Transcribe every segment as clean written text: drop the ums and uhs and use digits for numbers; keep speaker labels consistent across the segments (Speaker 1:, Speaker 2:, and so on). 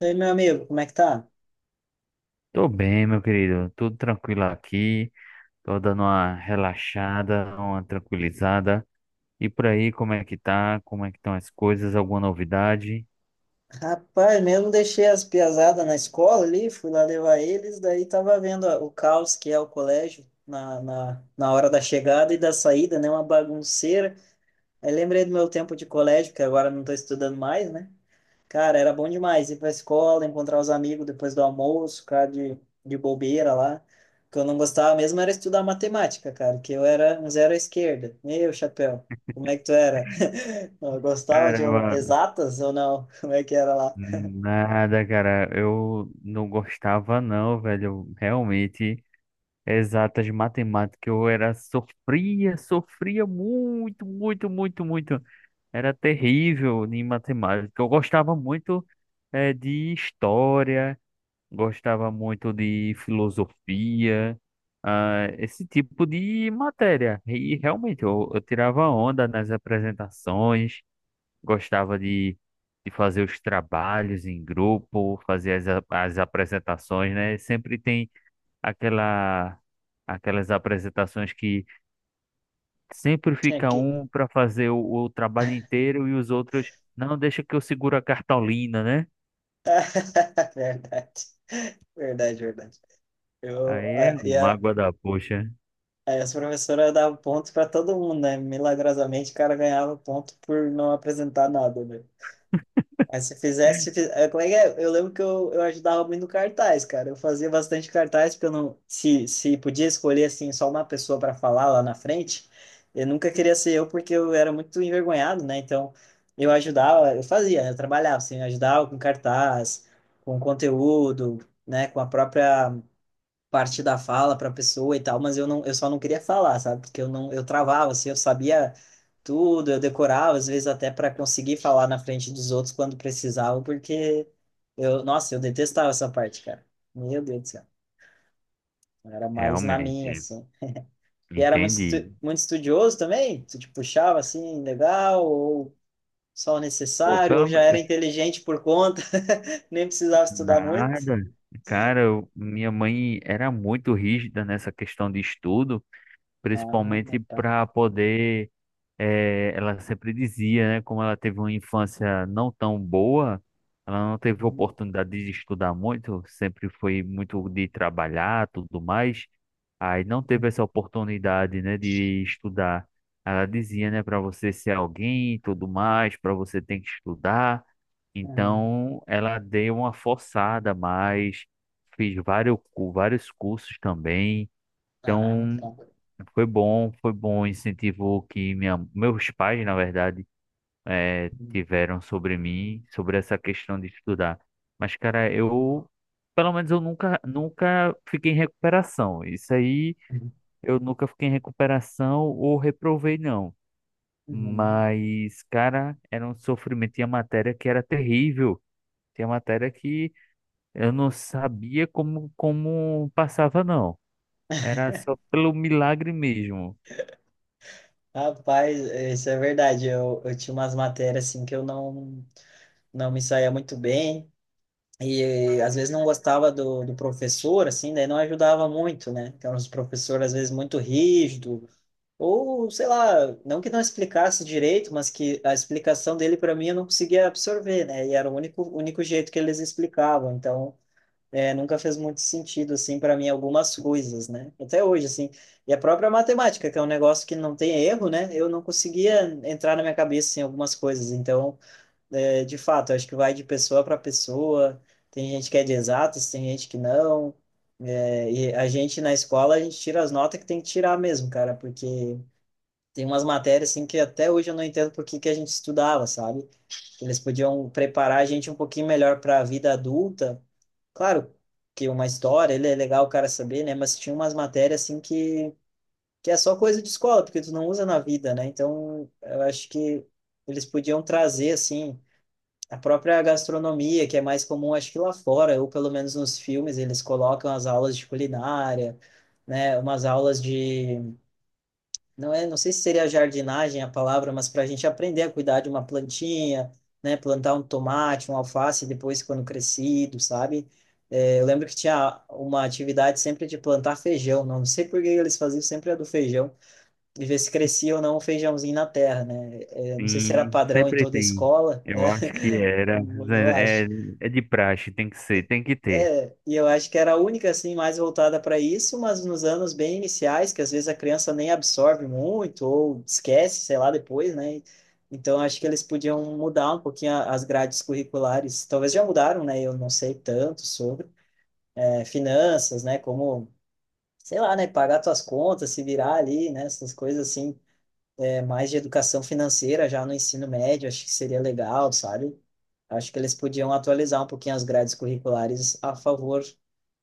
Speaker 1: E aí, meu amigo, como é que tá?
Speaker 2: Tô bem, meu querido. Tudo tranquilo aqui. Tô dando uma relaxada, uma tranquilizada. E por aí, como é que tá? Como é que estão as coisas? Alguma novidade?
Speaker 1: Rapaz, mesmo deixei as piazadas na escola ali, fui lá levar eles, daí tava vendo ó, o caos que é o colégio na hora da chegada e da saída, né? Uma bagunceira. Aí lembrei do meu tempo de colégio, que agora não tô estudando mais, né? Cara, era bom demais ir pra escola, encontrar os amigos depois do almoço, ficar de bobeira lá. O que eu não gostava mesmo era estudar matemática, cara, que eu era um zero à esquerda. Meu chapéu, como é que tu era? Eu gostava de
Speaker 2: Caramba,
Speaker 1: exatas ou não? Como é que era lá?
Speaker 2: nada, cara. Eu não gostava, não, velho. Realmente, exatas matemática, sofria, sofria muito, muito, muito, muito. Era terrível em matemática. Eu gostava muito, de história. Gostava muito de filosofia, ah, esse tipo de matéria. E realmente eu tirava onda nas apresentações, gostava de fazer os trabalhos em grupo, fazer as apresentações, né? Sempre tem aquela, aquelas apresentações que sempre
Speaker 1: Tinha
Speaker 2: fica
Speaker 1: que.
Speaker 2: um para fazer o trabalho inteiro e os outros, não, deixa que eu seguro a cartolina, né?
Speaker 1: Verdade, verdade, verdade. Eu,
Speaker 2: Aí é
Speaker 1: a,
Speaker 2: uma
Speaker 1: e a,
Speaker 2: mágoa da poxa,
Speaker 1: aí as professoras davam pontos para todo mundo, né? Milagrosamente o cara ganhava ponto por não apresentar nada, né? Aí se fizesse, se fiz- eh, como é que é? Eu lembro que eu ajudava muito no cartaz, cara. Eu fazia bastante cartaz, porque eu não, se podia escolher assim só uma pessoa para falar lá na frente, eu nunca queria ser eu porque eu era muito envergonhado, né? Então eu ajudava, eu fazia, né? Eu trabalhava assim, eu ajudava com cartaz, com conteúdo, né? Com a própria parte da fala para a pessoa e tal, mas eu não, eu só não queria falar, sabe? Porque eu não, eu travava, assim, eu sabia tudo, eu decorava, às vezes até para conseguir falar na frente dos outros quando precisava, porque eu, nossa, eu detestava essa parte, cara. Meu Deus do céu. Eu era mais na minha,
Speaker 2: realmente.
Speaker 1: assim. E era muito,
Speaker 2: Entendi.
Speaker 1: muito estudioso também? Tu te puxava assim, legal, ou só o
Speaker 2: Pô,
Speaker 1: necessário, ou
Speaker 2: pelo
Speaker 1: já era
Speaker 2: me-
Speaker 1: inteligente por conta, nem precisava estudar muito?
Speaker 2: Nada. Cara, minha mãe era muito rígida nessa questão de estudo, principalmente
Speaker 1: Ah, tá.
Speaker 2: para poder. Eh, ela sempre dizia, né? Como ela teve uma infância não tão boa, ela não teve
Speaker 1: Uhum,
Speaker 2: oportunidade de estudar muito, sempre foi muito de trabalhar, tudo mais. Aí não
Speaker 1: uhum,
Speaker 2: teve essa oportunidade, né, de estudar. Ela dizia, né, para você ser alguém, e tudo mais, para você tem que estudar.
Speaker 1: uhum.
Speaker 2: Então, ela deu uma forçada, a mais fiz vários cursos também.
Speaker 1: Ah,
Speaker 2: Então,
Speaker 1: tá.
Speaker 2: foi bom o incentivo que meus pais, na verdade,
Speaker 1: Uhum.
Speaker 2: tiveram sobre mim, sobre essa questão de estudar. Mas, cara, eu, pelo menos eu nunca, nunca fiquei em recuperação. Isso aí, eu nunca fiquei em recuperação ou reprovei, não.
Speaker 1: Uhum.
Speaker 2: Mas, cara, era um sofrimento. Tinha matéria que era terrível. Tinha matéria que eu não sabia como passava, não. Era só pelo milagre mesmo.
Speaker 1: Rapaz, isso é verdade. Eu tinha umas matérias assim que eu não, não me saía muito bem. E às vezes não gostava do, do professor, assim, daí não ajudava muito, né? Então, os professores às vezes muito rígido, ou sei lá, não que não explicasse direito, mas que a explicação dele para mim eu não conseguia absorver, né? E era o único jeito que eles explicavam. Então, é, nunca fez muito sentido, assim, para mim, algumas coisas, né? Até hoje, assim. E a própria matemática, que é um negócio que não tem erro, né? Eu não conseguia entrar na minha cabeça, em algumas coisas. Então, é, de fato, acho que vai de pessoa para pessoa. Tem gente que é de exatas, tem gente que não. É, e a gente, na escola, a gente tira as notas que tem que tirar mesmo, cara, porque tem umas matérias, assim, que até hoje eu não entendo por que que a gente estudava, sabe? Eles podiam preparar a gente um pouquinho melhor para a vida adulta. Claro que uma história, ele é legal o cara saber, né? Mas tinha umas matérias assim que é só coisa de escola, porque tu não usa na vida, né? Então, eu acho que eles podiam trazer assim a própria gastronomia, que é mais comum acho que lá fora, ou pelo menos nos filmes, eles colocam as aulas de culinária, né? Umas aulas de não é, não sei se seria jardinagem a palavra, mas para a gente aprender a cuidar de uma plantinha, né, plantar um tomate, um alface depois quando crescido, sabe? É, eu lembro que tinha uma atividade sempre de plantar feijão, não sei por que eles faziam sempre a do feijão, e ver se crescia ou não o feijãozinho na terra, né? É, não sei se era
Speaker 2: Sim,
Speaker 1: padrão em
Speaker 2: sempre
Speaker 1: toda a
Speaker 2: tem.
Speaker 1: escola, né?
Speaker 2: Eu acho que era.
Speaker 1: Eu
Speaker 2: É,
Speaker 1: acho.
Speaker 2: é É de praxe, tem que ser, tem que ter.
Speaker 1: É, e eu acho que era a única assim mais voltada para isso, mas nos anos bem iniciais, que às vezes a criança nem absorve muito ou esquece, sei lá, depois, né? Então acho que eles podiam mudar um pouquinho as grades curriculares. Talvez já mudaram, né? Eu não sei tanto sobre é, finanças, né? Como, sei lá, né? Pagar tuas contas, se virar ali, né? Essas coisas assim é, mais de educação financeira já no ensino médio, acho que seria legal, sabe? Acho que eles podiam atualizar um pouquinho as grades curriculares a favor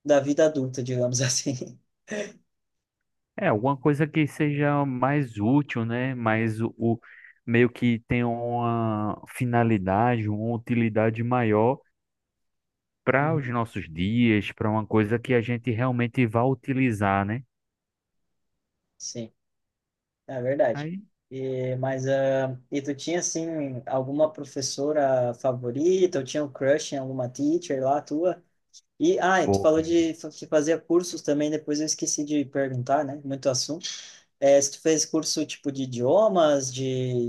Speaker 1: da vida adulta, digamos assim.
Speaker 2: É, alguma coisa que seja mais útil, né? Mais meio que tenha uma finalidade, uma utilidade maior para
Speaker 1: Uhum.
Speaker 2: os nossos dias, para uma coisa que a gente realmente vá utilizar, né?
Speaker 1: Sim, é verdade.
Speaker 2: Aí,
Speaker 1: E, mas, ah, e tu tinha, assim, alguma professora favorita? Ou tinha um crush em alguma teacher lá tua? E, ah, e tu
Speaker 2: pô,
Speaker 1: falou de que fazia cursos também, depois eu esqueci de perguntar, né? Muito assunto. É, se tu fez curso tipo de idiomas, de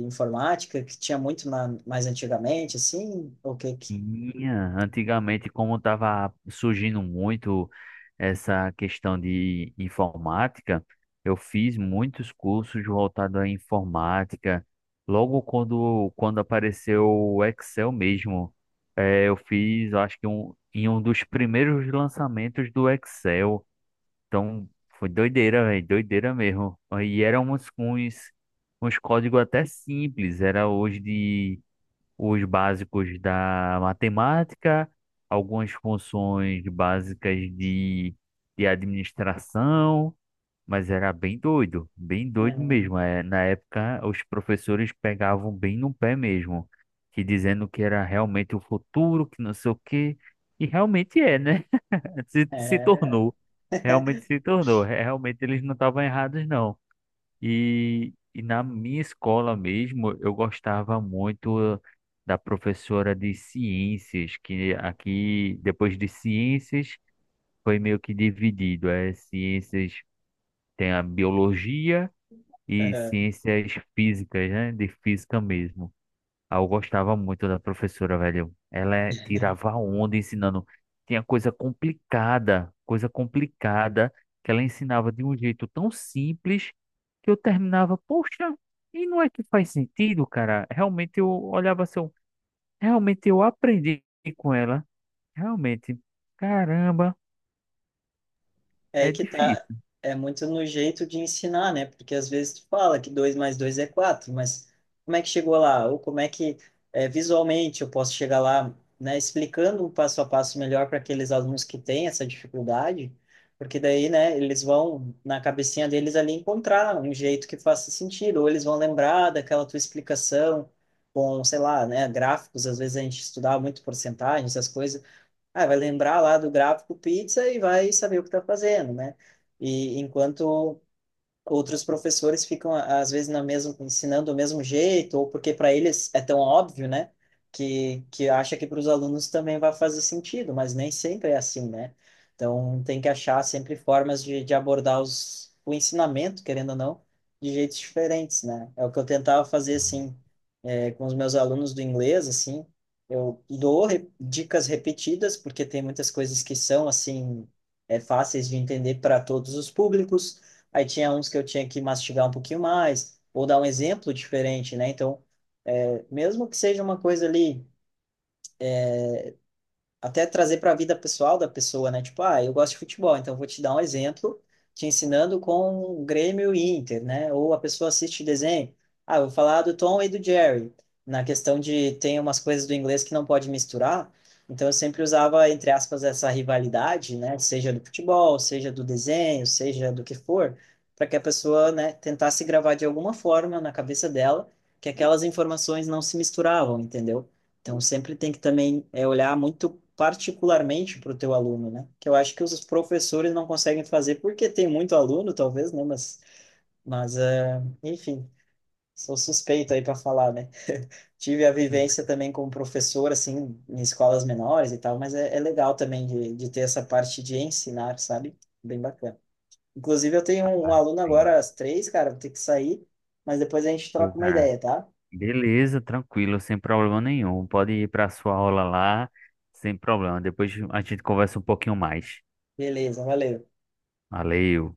Speaker 1: informática, que tinha muito na, mais antigamente, assim, o que que...
Speaker 2: tinha, antigamente, como estava surgindo muito essa questão de informática, eu fiz muitos cursos voltados à informática. Logo quando apareceu o Excel mesmo, eu fiz, eu acho que um, em um dos primeiros lançamentos do Excel. Então, foi doideira, velho, doideira mesmo. E eram uns códigos até simples, era hoje de os básicos da matemática, algumas funções básicas de administração, mas era bem doido
Speaker 1: Uhum.
Speaker 2: mesmo. É, na época, os professores pegavam bem no pé mesmo, que dizendo que era realmente o futuro, que não sei o quê, e realmente é, né? Se
Speaker 1: É.
Speaker 2: tornou, realmente se tornou. Realmente eles não estavam errados, não. E na minha escola mesmo, eu gostava muito da professora de ciências, que aqui, depois de ciências, foi meio que dividido. É, ciências tem a biologia e
Speaker 1: Aham.
Speaker 2: ciências físicas, né? De física mesmo. Ah, eu gostava muito da professora, velho. Tirava onda ensinando. Tinha coisa complicada que ela ensinava de um jeito tão simples que eu terminava, poxa, e não é que faz sentido, cara? Realmente eu olhava assim, realmente eu aprendi com ela. Realmente, caramba,
Speaker 1: É aí
Speaker 2: é
Speaker 1: que tá,
Speaker 2: difícil.
Speaker 1: é muito no jeito de ensinar, né? Porque às vezes tu fala que 2 mais 2 é 4 mas como é que chegou lá? Ou como é que é, visualmente eu posso chegar lá, né? Explicando o passo a passo melhor para aqueles alunos que têm essa dificuldade, porque daí, né, eles vão, na cabecinha deles ali, encontrar um jeito que faça sentido, ou eles vão lembrar daquela tua explicação com, sei lá, né, gráficos, às vezes a gente estudava muito porcentagens, essas coisas, ah, vai lembrar lá do gráfico pizza e vai saber o que está fazendo, né? E enquanto outros professores ficam às vezes na mesma ensinando do mesmo jeito ou porque para eles é tão óbvio, né? Que acha que para os alunos também vai fazer sentido, mas nem sempre é assim, né? Então tem que achar sempre formas de abordar os, o ensinamento, querendo ou não, de jeitos diferentes, né? É o que eu tentava fazer assim é, com os meus alunos do inglês, assim. Eu dou dicas repetidas porque tem muitas coisas que são assim é, fáceis de entender para todos os públicos. Aí tinha uns que eu tinha que mastigar um pouquinho mais, ou dar um exemplo diferente, né? Então, é, mesmo que seja uma coisa ali até trazer para a vida pessoal da pessoa, né? Tipo, ah, eu gosto de futebol, então vou te dar um exemplo, te ensinando com o Grêmio e Inter, né? Ou a pessoa assiste desenho, ah, eu vou falar do Tom e do Jerry, na questão de tem umas coisas do inglês que não pode misturar, então eu sempre usava, entre aspas, essa rivalidade, né? Seja do futebol, seja do desenho, seja do que for, para que a pessoa, né, tentasse gravar de alguma forma na cabeça dela que aquelas informações não se misturavam, entendeu? Então, sempre tem que também é, olhar muito particularmente para o teu aluno, né? Que eu acho que os professores não conseguem fazer, porque tem muito aluno, talvez, né? Mas é, enfim, sou suspeito aí para falar, né? Tive a
Speaker 2: Uhum.
Speaker 1: vivência também como professor, assim, em escolas menores e tal, mas é, é legal também de ter essa parte de ensinar, sabe? Bem bacana. Inclusive, eu tenho um, um aluno
Speaker 2: Sim,
Speaker 1: agora às 3, cara, vou ter que sair, mas depois a gente
Speaker 2: pô,
Speaker 1: troca uma
Speaker 2: cara.
Speaker 1: ideia, tá?
Speaker 2: Beleza, tranquilo, sem problema nenhum. Pode ir para sua aula lá, sem problema. Depois a gente conversa um pouquinho mais.
Speaker 1: Beleza, valeu.
Speaker 2: Valeu.